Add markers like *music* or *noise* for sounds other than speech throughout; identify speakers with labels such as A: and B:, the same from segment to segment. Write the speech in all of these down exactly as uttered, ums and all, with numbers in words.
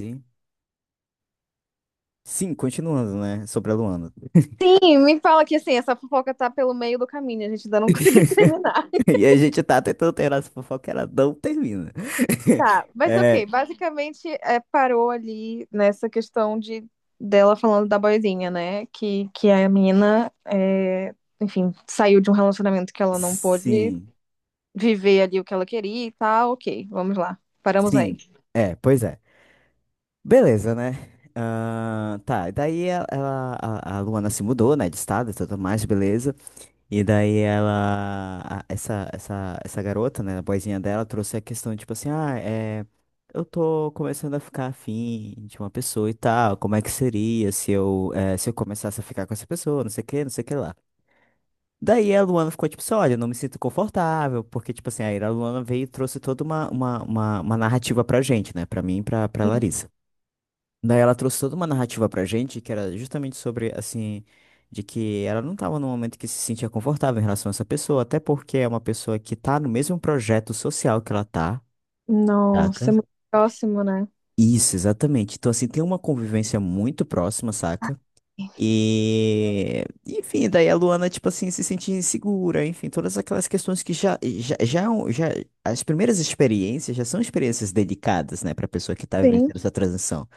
A: Sim, Sim, continuando, né? Sobre a Luana.
B: E me fala que assim, essa fofoca tá pelo meio do caminho, a gente ainda não *laughs* conseguiu
A: *laughs*
B: terminar.
A: E a gente tá tentando terminar essa fofoca, ela não termina. *laughs*
B: Tá, mas
A: É,
B: ok, basicamente é, parou ali nessa questão de dela falando da boizinha, né? Que, que a menina, é, enfim, saiu de um relacionamento que ela não pôde
A: sim,
B: viver ali o que ela queria e tal. Ok, vamos lá. Paramos aí.
A: sim, é, pois é. Beleza, né? Ah, tá, e daí ela, ela- a, a Luana se mudou, né, de estado e tudo mais, beleza. E daí ela, a- essa, essa, essa garota, né, a boazinha dela, trouxe a questão, tipo assim, ah, é, eu tô começando a ficar afim de uma pessoa e tal, como é que seria se eu, eh, se eu começasse a ficar com essa pessoa, não sei o que, não sei o que lá. Daí a Luana ficou tipo assim, olha, eu não me sinto confortável, porque, tipo assim, aí a Luana veio e trouxe toda uma, uma, uma, uma narrativa pra gente, né, pra mim e pra, pra Larissa. Daí ela trouxe toda uma narrativa pra gente que era justamente sobre, assim, de que ela não tava num momento que se sentia confortável em relação a essa pessoa, até porque é uma pessoa que tá no mesmo projeto social que ela tá.
B: Nossa, é
A: Saca?
B: muito próximo, né?
A: Isso, exatamente. Então, assim, tem uma convivência muito próxima, saca? E, enfim, daí a Luana, tipo assim, se sentia insegura, enfim, todas aquelas questões que já, já, já, é um- já- as primeiras experiências já são experiências delicadas, né, pra pessoa que tá
B: Sim.
A: vivenciando essa transição.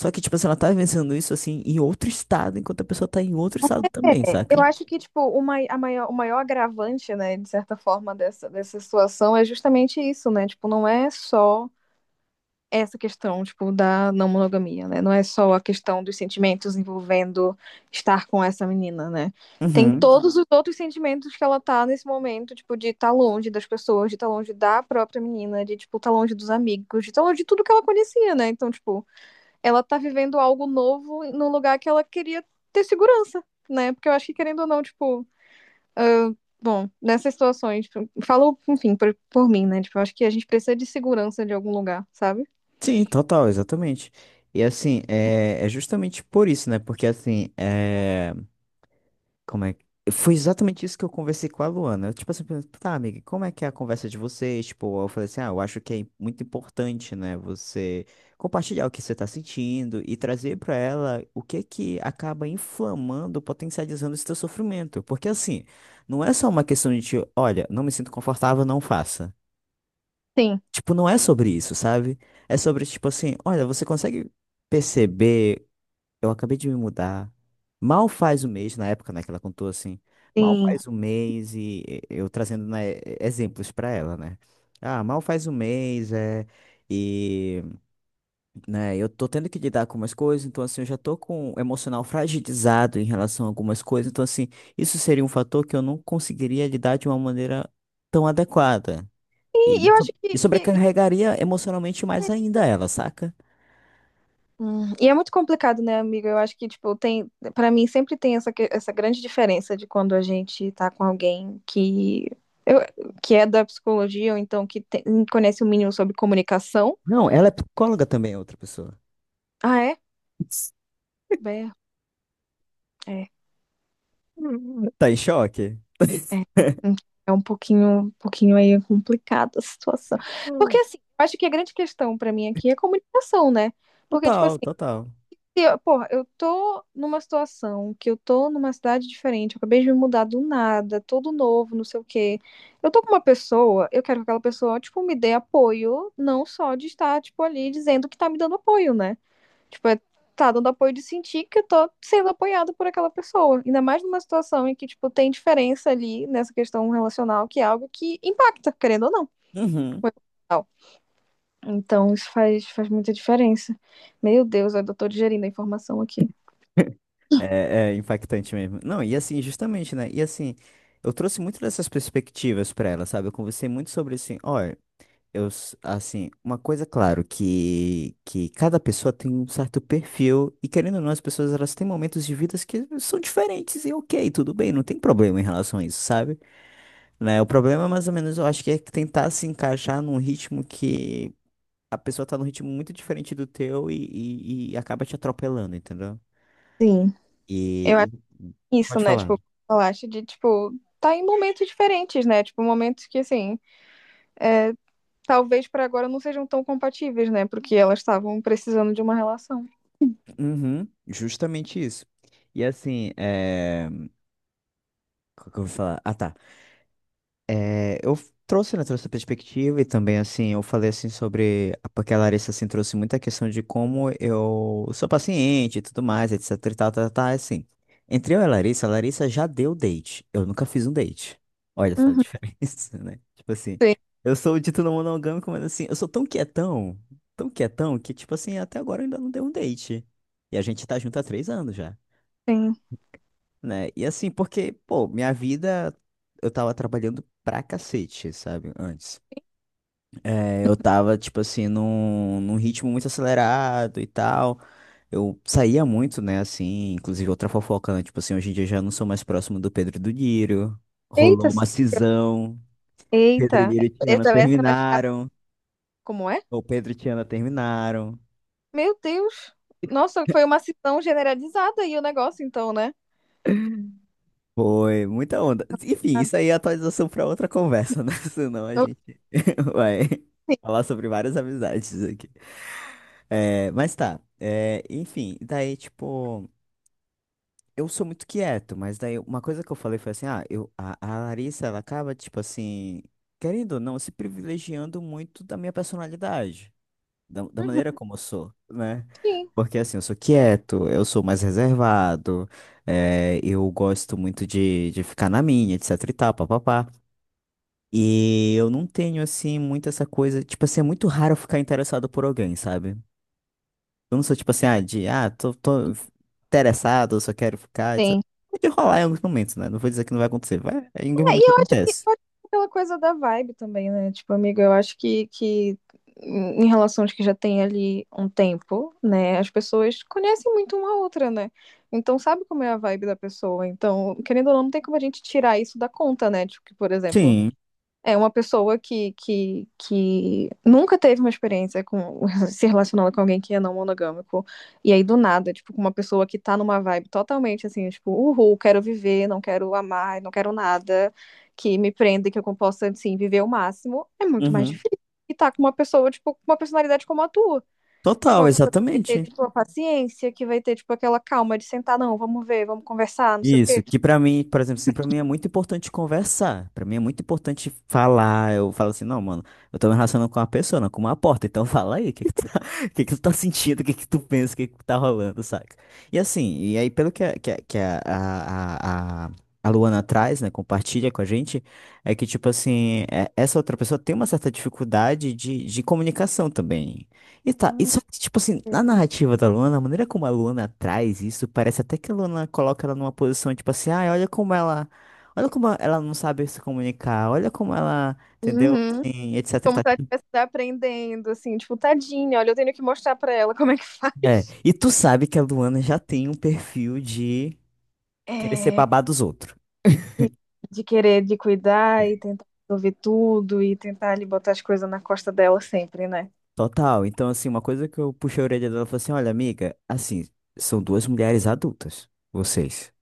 A: Só que, tipo assim, ela tá vencendo isso, assim, em outro estado, enquanto a pessoa tá em outro estado também,
B: Eu
A: saca?
B: acho que, tipo, o mai- a maior, o maior agravante, né, de certa forma, dessa, dessa situação é justamente isso, né? Tipo, não é só essa questão, tipo, da não monogamia, né? Não é só a questão dos sentimentos envolvendo estar com essa menina, né? Tem
A: Uhum.
B: todos os outros sentimentos que ela tá nesse momento, tipo, de estar longe das pessoas, de estar longe da própria menina, de, tipo, estar longe dos amigos, de estar longe de tudo que ela conhecia, né? Então, tipo, ela tá vivendo algo novo num lugar que ela queria ter segurança, né? Porque eu acho que, querendo ou não, tipo. Bom, nessas situações, tipo, falo, enfim, por, por mim, né? Tipo, eu acho que a gente precisa de segurança de algum lugar, sabe?
A: Sim, total, exatamente. E assim, é, é justamente por isso, né? Porque assim, é. Como é que... Foi exatamente isso que eu conversei com a Luana. Eu, tipo assim, perguntei, tá, amiga, como é que é a conversa de vocês? Tipo, eu falei assim, ah, eu acho que é muito importante, né, você compartilhar o que você tá sentindo e trazer pra ela o que que acaba inflamando, potencializando esse teu sofrimento. Porque, assim, não é só uma questão de, tipo, olha, não me sinto confortável, não faça.
B: Sim,
A: Tipo, não é sobre isso, sabe? É sobre, tipo assim, olha, você consegue perceber. Eu acabei de me mudar. Mal faz um mês, na época, né, que ela contou assim. Mal
B: sim.
A: faz um mês e e- eu trazendo, né, e- exemplos pra ela, né? Ah, mal faz um mês, é. E, né, eu tô tendo que lidar com algumas coisas, então assim, eu já tô com o emocional fragilizado em relação a algumas coisas, então assim, isso seria um fator que eu não conseguiria lidar de uma maneira tão adequada.
B: E,
A: E,
B: e
A: me
B: eu
A: so-
B: acho que,
A: e
B: que-
A: sobrecarregaria emocionalmente mais ainda ela, saca?
B: Hum. E é muito complicado, né, amiga? Eu acho que, tipo, tem, para mim sempre tem essa, que... essa grande diferença de quando a gente tá com alguém que eu, que é da psicologia ou então que tem... conhece o mínimo sobre comunicação.
A: Não, ela é psicóloga também, é outra pessoa.
B: Ah, é? É, é.
A: Tá em choque?
B: É,
A: *laughs*
B: hum, é um pouquinho, um pouquinho aí complicada a situação. Porque assim, eu acho que a grande questão pra mim aqui é a comunicação, né? Porque, tipo
A: Total,
B: assim,
A: total.
B: se eu, porra, eu tô numa situação que eu tô numa cidade diferente, eu acabei de me mudar do nada, todo novo, não sei o quê. Eu tô com uma pessoa, eu quero que aquela pessoa, tipo, me dê apoio, não só de estar, tipo, ali dizendo que tá me dando apoio, né? Tipo, é, tá dando apoio de sentir que eu tô sendo apoiado por aquela pessoa. Ainda mais numa situação em que, tipo, tem diferença ali nessa questão relacional, que é algo que impacta, querendo ou não.
A: Uhum.
B: Então, isso faz, faz muita diferença. Meu Deus, eu tô digerindo a informação aqui.
A: É, é impactante mesmo. Não, e assim, justamente, né? E assim, eu trouxe muito dessas perspectivas pra ela, sabe? Eu conversei muito sobre assim, olha, eu, s- assim, uma coisa, claro, que, que cada pessoa tem um certo perfil, e querendo ou não, as pessoas, elas têm momentos de vidas que são diferentes, e ok, tudo bem, não tem problema em relação a isso, sabe? Né? O problema, mais ou menos, eu acho que é tentar se encaixar num ritmo que a pessoa tá num ritmo muito diferente do teu e, e, e acaba te atropelando, entendeu?
B: Sim. Eu
A: E,
B: acho
A: e-
B: que é isso,
A: pode
B: né?
A: falar.
B: Tipo, falaste de, tipo, tá em momentos diferentes, né? Tipo, momentos que, assim, talvez pra agora não sejam tão compatíveis, né? Porque elas estavam precisando de uma relação.
A: Uhum, justamente isso. E assim, é... o que que eu vou falar? Ah, tá. É, eu f- trouxe, né, trouxe essa perspectiva e também, assim, eu falei, assim, sobre... a- Porque a Larissa, assim, trouxe muita questão de como eu sou paciente e tudo mais, etc e tal, tal, tal, assim. Entre eu e a Larissa, a Larissa já deu date. Eu nunca fiz um date. Olha só a
B: Uhum,
A: diferença, *laughs* né? Tipo assim,
B: sim,
A: eu sou o dito não monogâmico, mas assim, eu sou tão quietão, tão quietão, que, tipo assim, até agora eu ainda não dei um date. E a gente tá junto há três anos já,
B: sim.
A: né? E assim, porque, pô, minha vida, eu tava trabalhando pra cacete, sabe? Antes. É, eu tava, tipo assim, num, num ritmo muito acelerado e tal. Eu saía muito, né? Assim, inclusive outra fofoca, né? Tipo assim, hoje em dia eu já não sou mais próximo do Pedro e do Niro.
B: Eita,
A: Rolou uma
B: se-
A: cisão. Pedro e
B: eita,
A: Niro e Tiana
B: essa, essa vai ficar pra...
A: terminaram.
B: como é?
A: Ou Pedro e Tiana terminaram.
B: Meu Deus, nossa, foi uma cisão generalizada aí o negócio, então, né?
A: Foi muita onda. Enfim,
B: Ah.
A: isso aí é atualização para outra conversa, né? *laughs* Senão a gente *laughs* vai falar sobre várias amizades aqui. É, mas tá. É, enfim, daí, tipo, eu sou muito quieto, mas daí uma coisa que eu falei foi assim: ah, eu, a, a Larissa, ela acaba, tipo assim, querendo ou não, se privilegiando muito da minha personalidade, da, da
B: Uhum,
A: maneira como eu sou, né?
B: sim,
A: Porque assim, eu sou quieto, eu sou mais reservado, eh, eu gosto muito de, de ficar na minha, etc e tal, papapá. E eu não tenho, assim, muito essa coisa. Tipo assim, é muito raro eu ficar interessado por alguém, sabe? Eu não sou tipo assim, ah, de, ah, tô, tô interessado, eu só quero ficar, etcétera.
B: sim.
A: Pode rolar em alguns momentos, né? Não vou dizer que não vai acontecer, vai, em algum
B: É, e
A: momento
B: eu acho que
A: acontece.
B: pode ser aquela coisa da vibe também, né? Tipo, amigo, eu acho que, que em relação aos que já tem ali um tempo, né? As pessoas conhecem muito uma outra, né? Então sabe como é a vibe da pessoa. Então, querendo ou não, não tem como a gente tirar isso da conta, né? Tipo, que, por exemplo,
A: Sim.
B: é uma pessoa que, que, que nunca teve uma experiência com *laughs* se relacionando com alguém que é não monogâmico. E aí, do nada, tipo, com uma pessoa que tá numa vibe totalmente assim, tipo, uhul, quero viver, não quero amar, não quero nada que me prenda, que eu possa, assim, viver o máximo, é muito mais
A: Uhum.
B: difícil. E tá com uma pessoa, tipo, com uma personalidade como a tua.
A: Total,
B: Uma pessoa que vai ter,
A: exatamente.
B: tipo, a paciência, que vai ter, tipo, aquela calma de sentar, não, vamos ver, vamos conversar, não sei o
A: Isso,
B: quê.
A: que pra mim, por exemplo, assim, para mim é muito importante conversar. Pra mim é muito importante falar. Eu falo assim, não, mano, eu tô me relacionando com uma pessoa, não com uma porta. Então *laughs* fala aí, o que que tu tá, *laughs* o que que tu tá sentindo, o que que tu pensa, o que que tá rolando, saca? E assim, e aí pelo que a, que a, que a, a, a, a Luana traz, né, compartilha com a gente, é que tipo assim, é- essa outra pessoa tem uma certa dificuldade de, de comunicação também. E tá, e
B: Hum.
A: só que, tipo assim, na narrativa da Luana, a maneira como a Luana traz isso, parece até que a Luana coloca ela numa posição, tipo assim, ai, olha como ela, olha como ela não sabe se comunicar, olha como ela, entendeu?
B: Uhum.
A: Assim, etcétera e
B: Como se ela
A: tal.
B: estivesse aprendendo, assim, tipo, tadinha, olha, eu tenho que mostrar pra ela *laughs* como é que
A: É,
B: faz.
A: e tu sabe que a Luana já tem um perfil de querer ser
B: É,
A: babá dos outros.
B: de, de querer, de cuidar e tentar resolver tudo e tentar ali botar as coisas na costa dela sempre, né?
A: Total. Então, assim, uma coisa que eu puxei a orelha dela e falei assim, olha, amiga, assim, são duas mulheres adultas, vocês.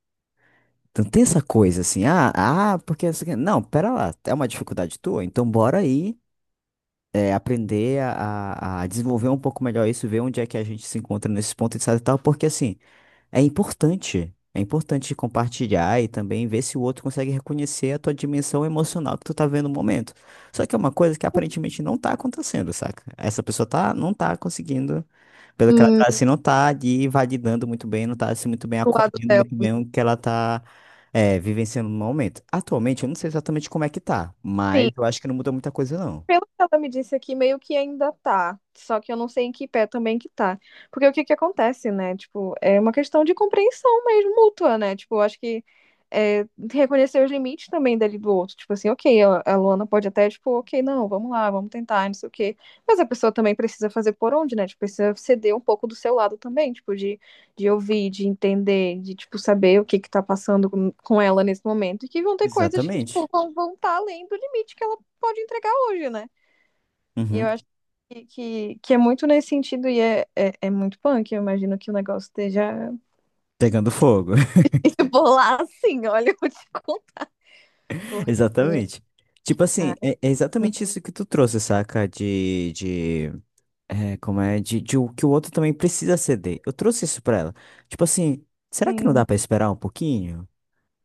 A: Então tem essa coisa assim, ah, ah, porque não sei o quê. Não, pera lá, é uma dificuldade tua, então bora aí é, aprender a, a- a desenvolver um pouco melhor isso, ver onde é que a gente se encontra nesses pontos etc e tal, porque assim, é importante, é importante compartilhar e também ver se o outro consegue reconhecer a tua dimensão emocional que tu tá vendo no momento. Só que é uma coisa que aparentemente não tá acontecendo, saca? Essa pessoa tá, não tá conseguindo, pelo que ela
B: E
A: tá assim, não tá ali validando muito bem, não tá assim muito bem
B: do lado
A: acolhendo
B: dela.
A: muito bem o que ela tá é, vivenciando no momento. Atualmente, eu não sei exatamente como é que tá, mas
B: Sim.
A: eu acho que não mudou muita coisa, não.
B: Pelo que ela me disse aqui, meio que ainda tá. Só que eu não sei em que pé também que tá. Porque o que que acontece, né? Tipo, é uma questão de compreensão mesmo mútua, né? Tipo, eu acho que é, reconhecer os limites também dali do outro. Tipo assim, ok, a, a Luana pode até, tipo, ok, não, vamos lá, vamos tentar, não sei o quê. Mas a pessoa também precisa fazer por onde, né? Tipo, precisa ceder um pouco do seu lado também, tipo, de, de ouvir, de entender, de, tipo, saber o que que tá passando com, com ela nesse momento. E que vão ter coisas que,
A: Exatamente.
B: tipo, vão, vão tá além do limite que ela pode entregar hoje, né? E eu
A: Uhum.
B: acho que, que, que é muito nesse sentido e é, é, é muito punk. Eu imagino que o negócio esteja
A: Pegando fogo.
B: *laughs* por lá assim, olha, eu te conto.
A: *laughs*
B: Porque,
A: Exatamente. Tipo
B: ah,
A: assim, é, é exatamente isso que tu trouxe, saca? De, de, é, como é? De, de o que o outro também precisa ceder. Eu trouxe isso pra ela. Tipo assim, será que não dá
B: assim,
A: pra esperar um pouquinho?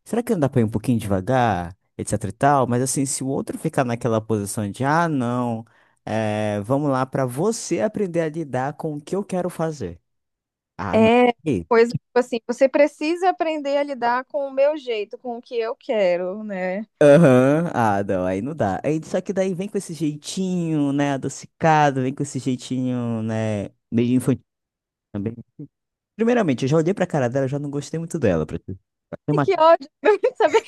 A: Será que não dá pra ir um pouquinho devagar? Etc e tal. Mas assim, se o outro ficar naquela posição de, ah, não, é, vamos lá pra você aprender a lidar com o que eu quero fazer. Ah, não.
B: é coisa, tipo assim, você precisa aprender a lidar com o meu jeito, com o que eu quero, né?
A: Aham, ah, não, aí não dá. Aí, só que daí vem com esse jeitinho, né, adocicado, vem com esse jeitinho, né, meio infantil também. Primeiramente, eu já olhei pra cara dela, já não gostei muito dela. Pra te- Tem
B: E
A: uma
B: que
A: cara-
B: ódio, *laughs* saber.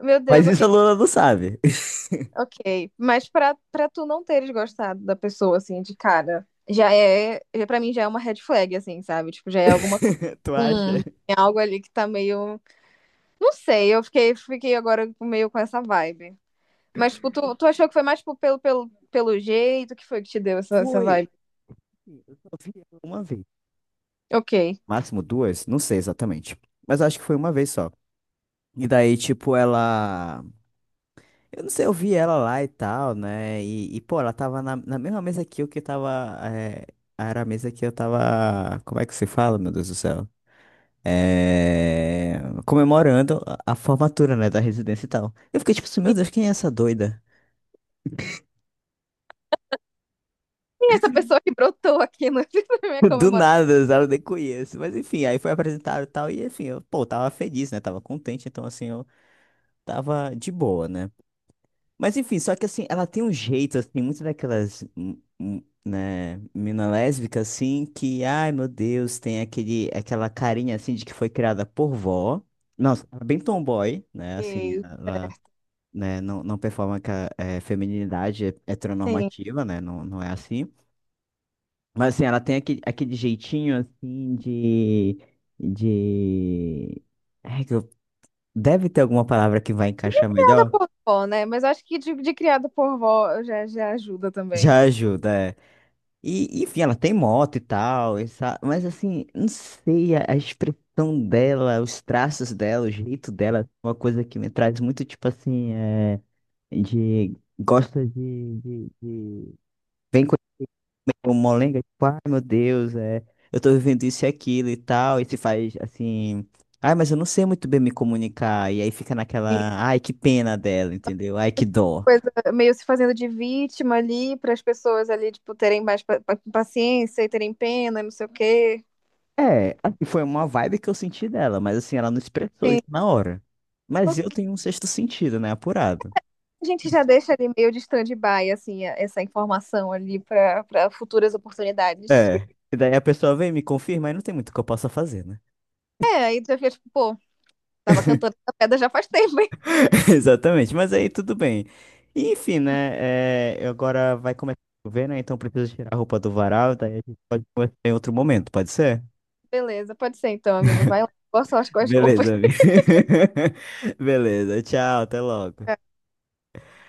B: Meu
A: Mas
B: Deus,
A: isso a
B: ok.
A: Luna não sabe.
B: Ok, mas pra, pra tu não teres gostado da pessoa, assim, de cara, já é, já- pra mim já é uma red flag, assim, sabe? Tipo, já é alguma coisa,
A: *laughs* Tu acha?
B: hum, tem algo ali que tá meio, não sei, eu fiquei, fiquei agora meio com essa vibe. Mas, tipo, tu, tu achou que foi mais, tipo, pelo, pelo, pelo jeito que foi que te deu essa, essa
A: Foi.
B: vibe?
A: Assim, eu só vi ela uma vez.
B: Ok.
A: Máximo duas? Não sei exatamente. Mas acho que foi uma vez só. E daí, tipo, ela. Eu não sei, eu vi ela lá e tal, né? E, e, pô, ela tava na, na mesma mesa que eu que tava. É, era a mesa que eu tava. Como é que se fala, meu Deus do céu? É, comemorando a, a formatura, né? Da residência e tal. Eu fiquei tipo assim, meu Deus, quem é essa doida?
B: Quem é essa pessoa que brotou aqui no, *laughs* na minha
A: *laughs* Do
B: comemoração?
A: nada, sabe? Eu nem conheço. Mas enfim, aí foi apresentado e tal. E enfim, eu, pô, tava feliz, né? Tava contente, então assim, eu tava de boa, né? Mas enfim, só que assim, ela tem um jeito, assim, muito daquelas, hum, hum, né, mina lésbica, assim, que, ai meu Deus, tem aquele, aquela carinha, assim, de que foi criada por vó. Nossa, ela é bem tomboy, né, assim,
B: Ok,
A: ela, né, não, não performa com a é, feminilidade
B: sim.
A: heteronormativa, né, não, não é assim. Mas assim, ela tem aquele, aquele jeitinho, assim, de, de... Ai, que eu- Deve ter alguma palavra que vai encaixar
B: Criada
A: melhor?
B: por vó, né? Mas eu acho que de, de criada por vó já, já ajuda também.
A: Já ajuda, é. E, enfim, ela tem moto e tal, essa- mas assim, não sei, a, a expressão dela, os traços dela, o jeito dela, é uma coisa que me traz muito, tipo assim, é, de, gosta de, de, de... Vem com o molenga, tipo, ai meu Deus, é, eu tô vivendo isso e aquilo e tal, e se faz assim, ai, mas eu não sei muito bem me comunicar, e aí fica naquela, ai, que pena dela, entendeu? Ai, que dó.
B: Coisa meio se fazendo de vítima ali, para as pessoas ali, tipo, terem mais pa- pa- paciência e terem pena, e não sei o quê.
A: É, assim, foi uma vibe que eu senti dela, mas assim, ela não expressou
B: Sim.
A: isso na hora.
B: A
A: Mas eu tenho um sexto sentido, né? Apurado.
B: gente já deixa ali meio de stand-by, assim, a- essa informação ali para para futuras oportunidades.
A: É.
B: *laughs*
A: E daí a pessoa vem, me confirma, aí não tem muito que eu possa fazer, né?
B: É, aí tu já fica tipo, pô, tava cantando essa pedra já faz tempo, hein?
A: *laughs* Exatamente, mas aí tudo bem. E, enfim, né? É, agora vai começar a chover, né? Então eu preciso tirar a roupa do varal, daí a gente pode conversar em outro momento, pode ser?
B: Beleza, pode ser então, amigo. Vai lá. Boa sorte com as
A: Beleza,
B: roupas.
A: amigo. *laughs* Beleza, tchau, até logo.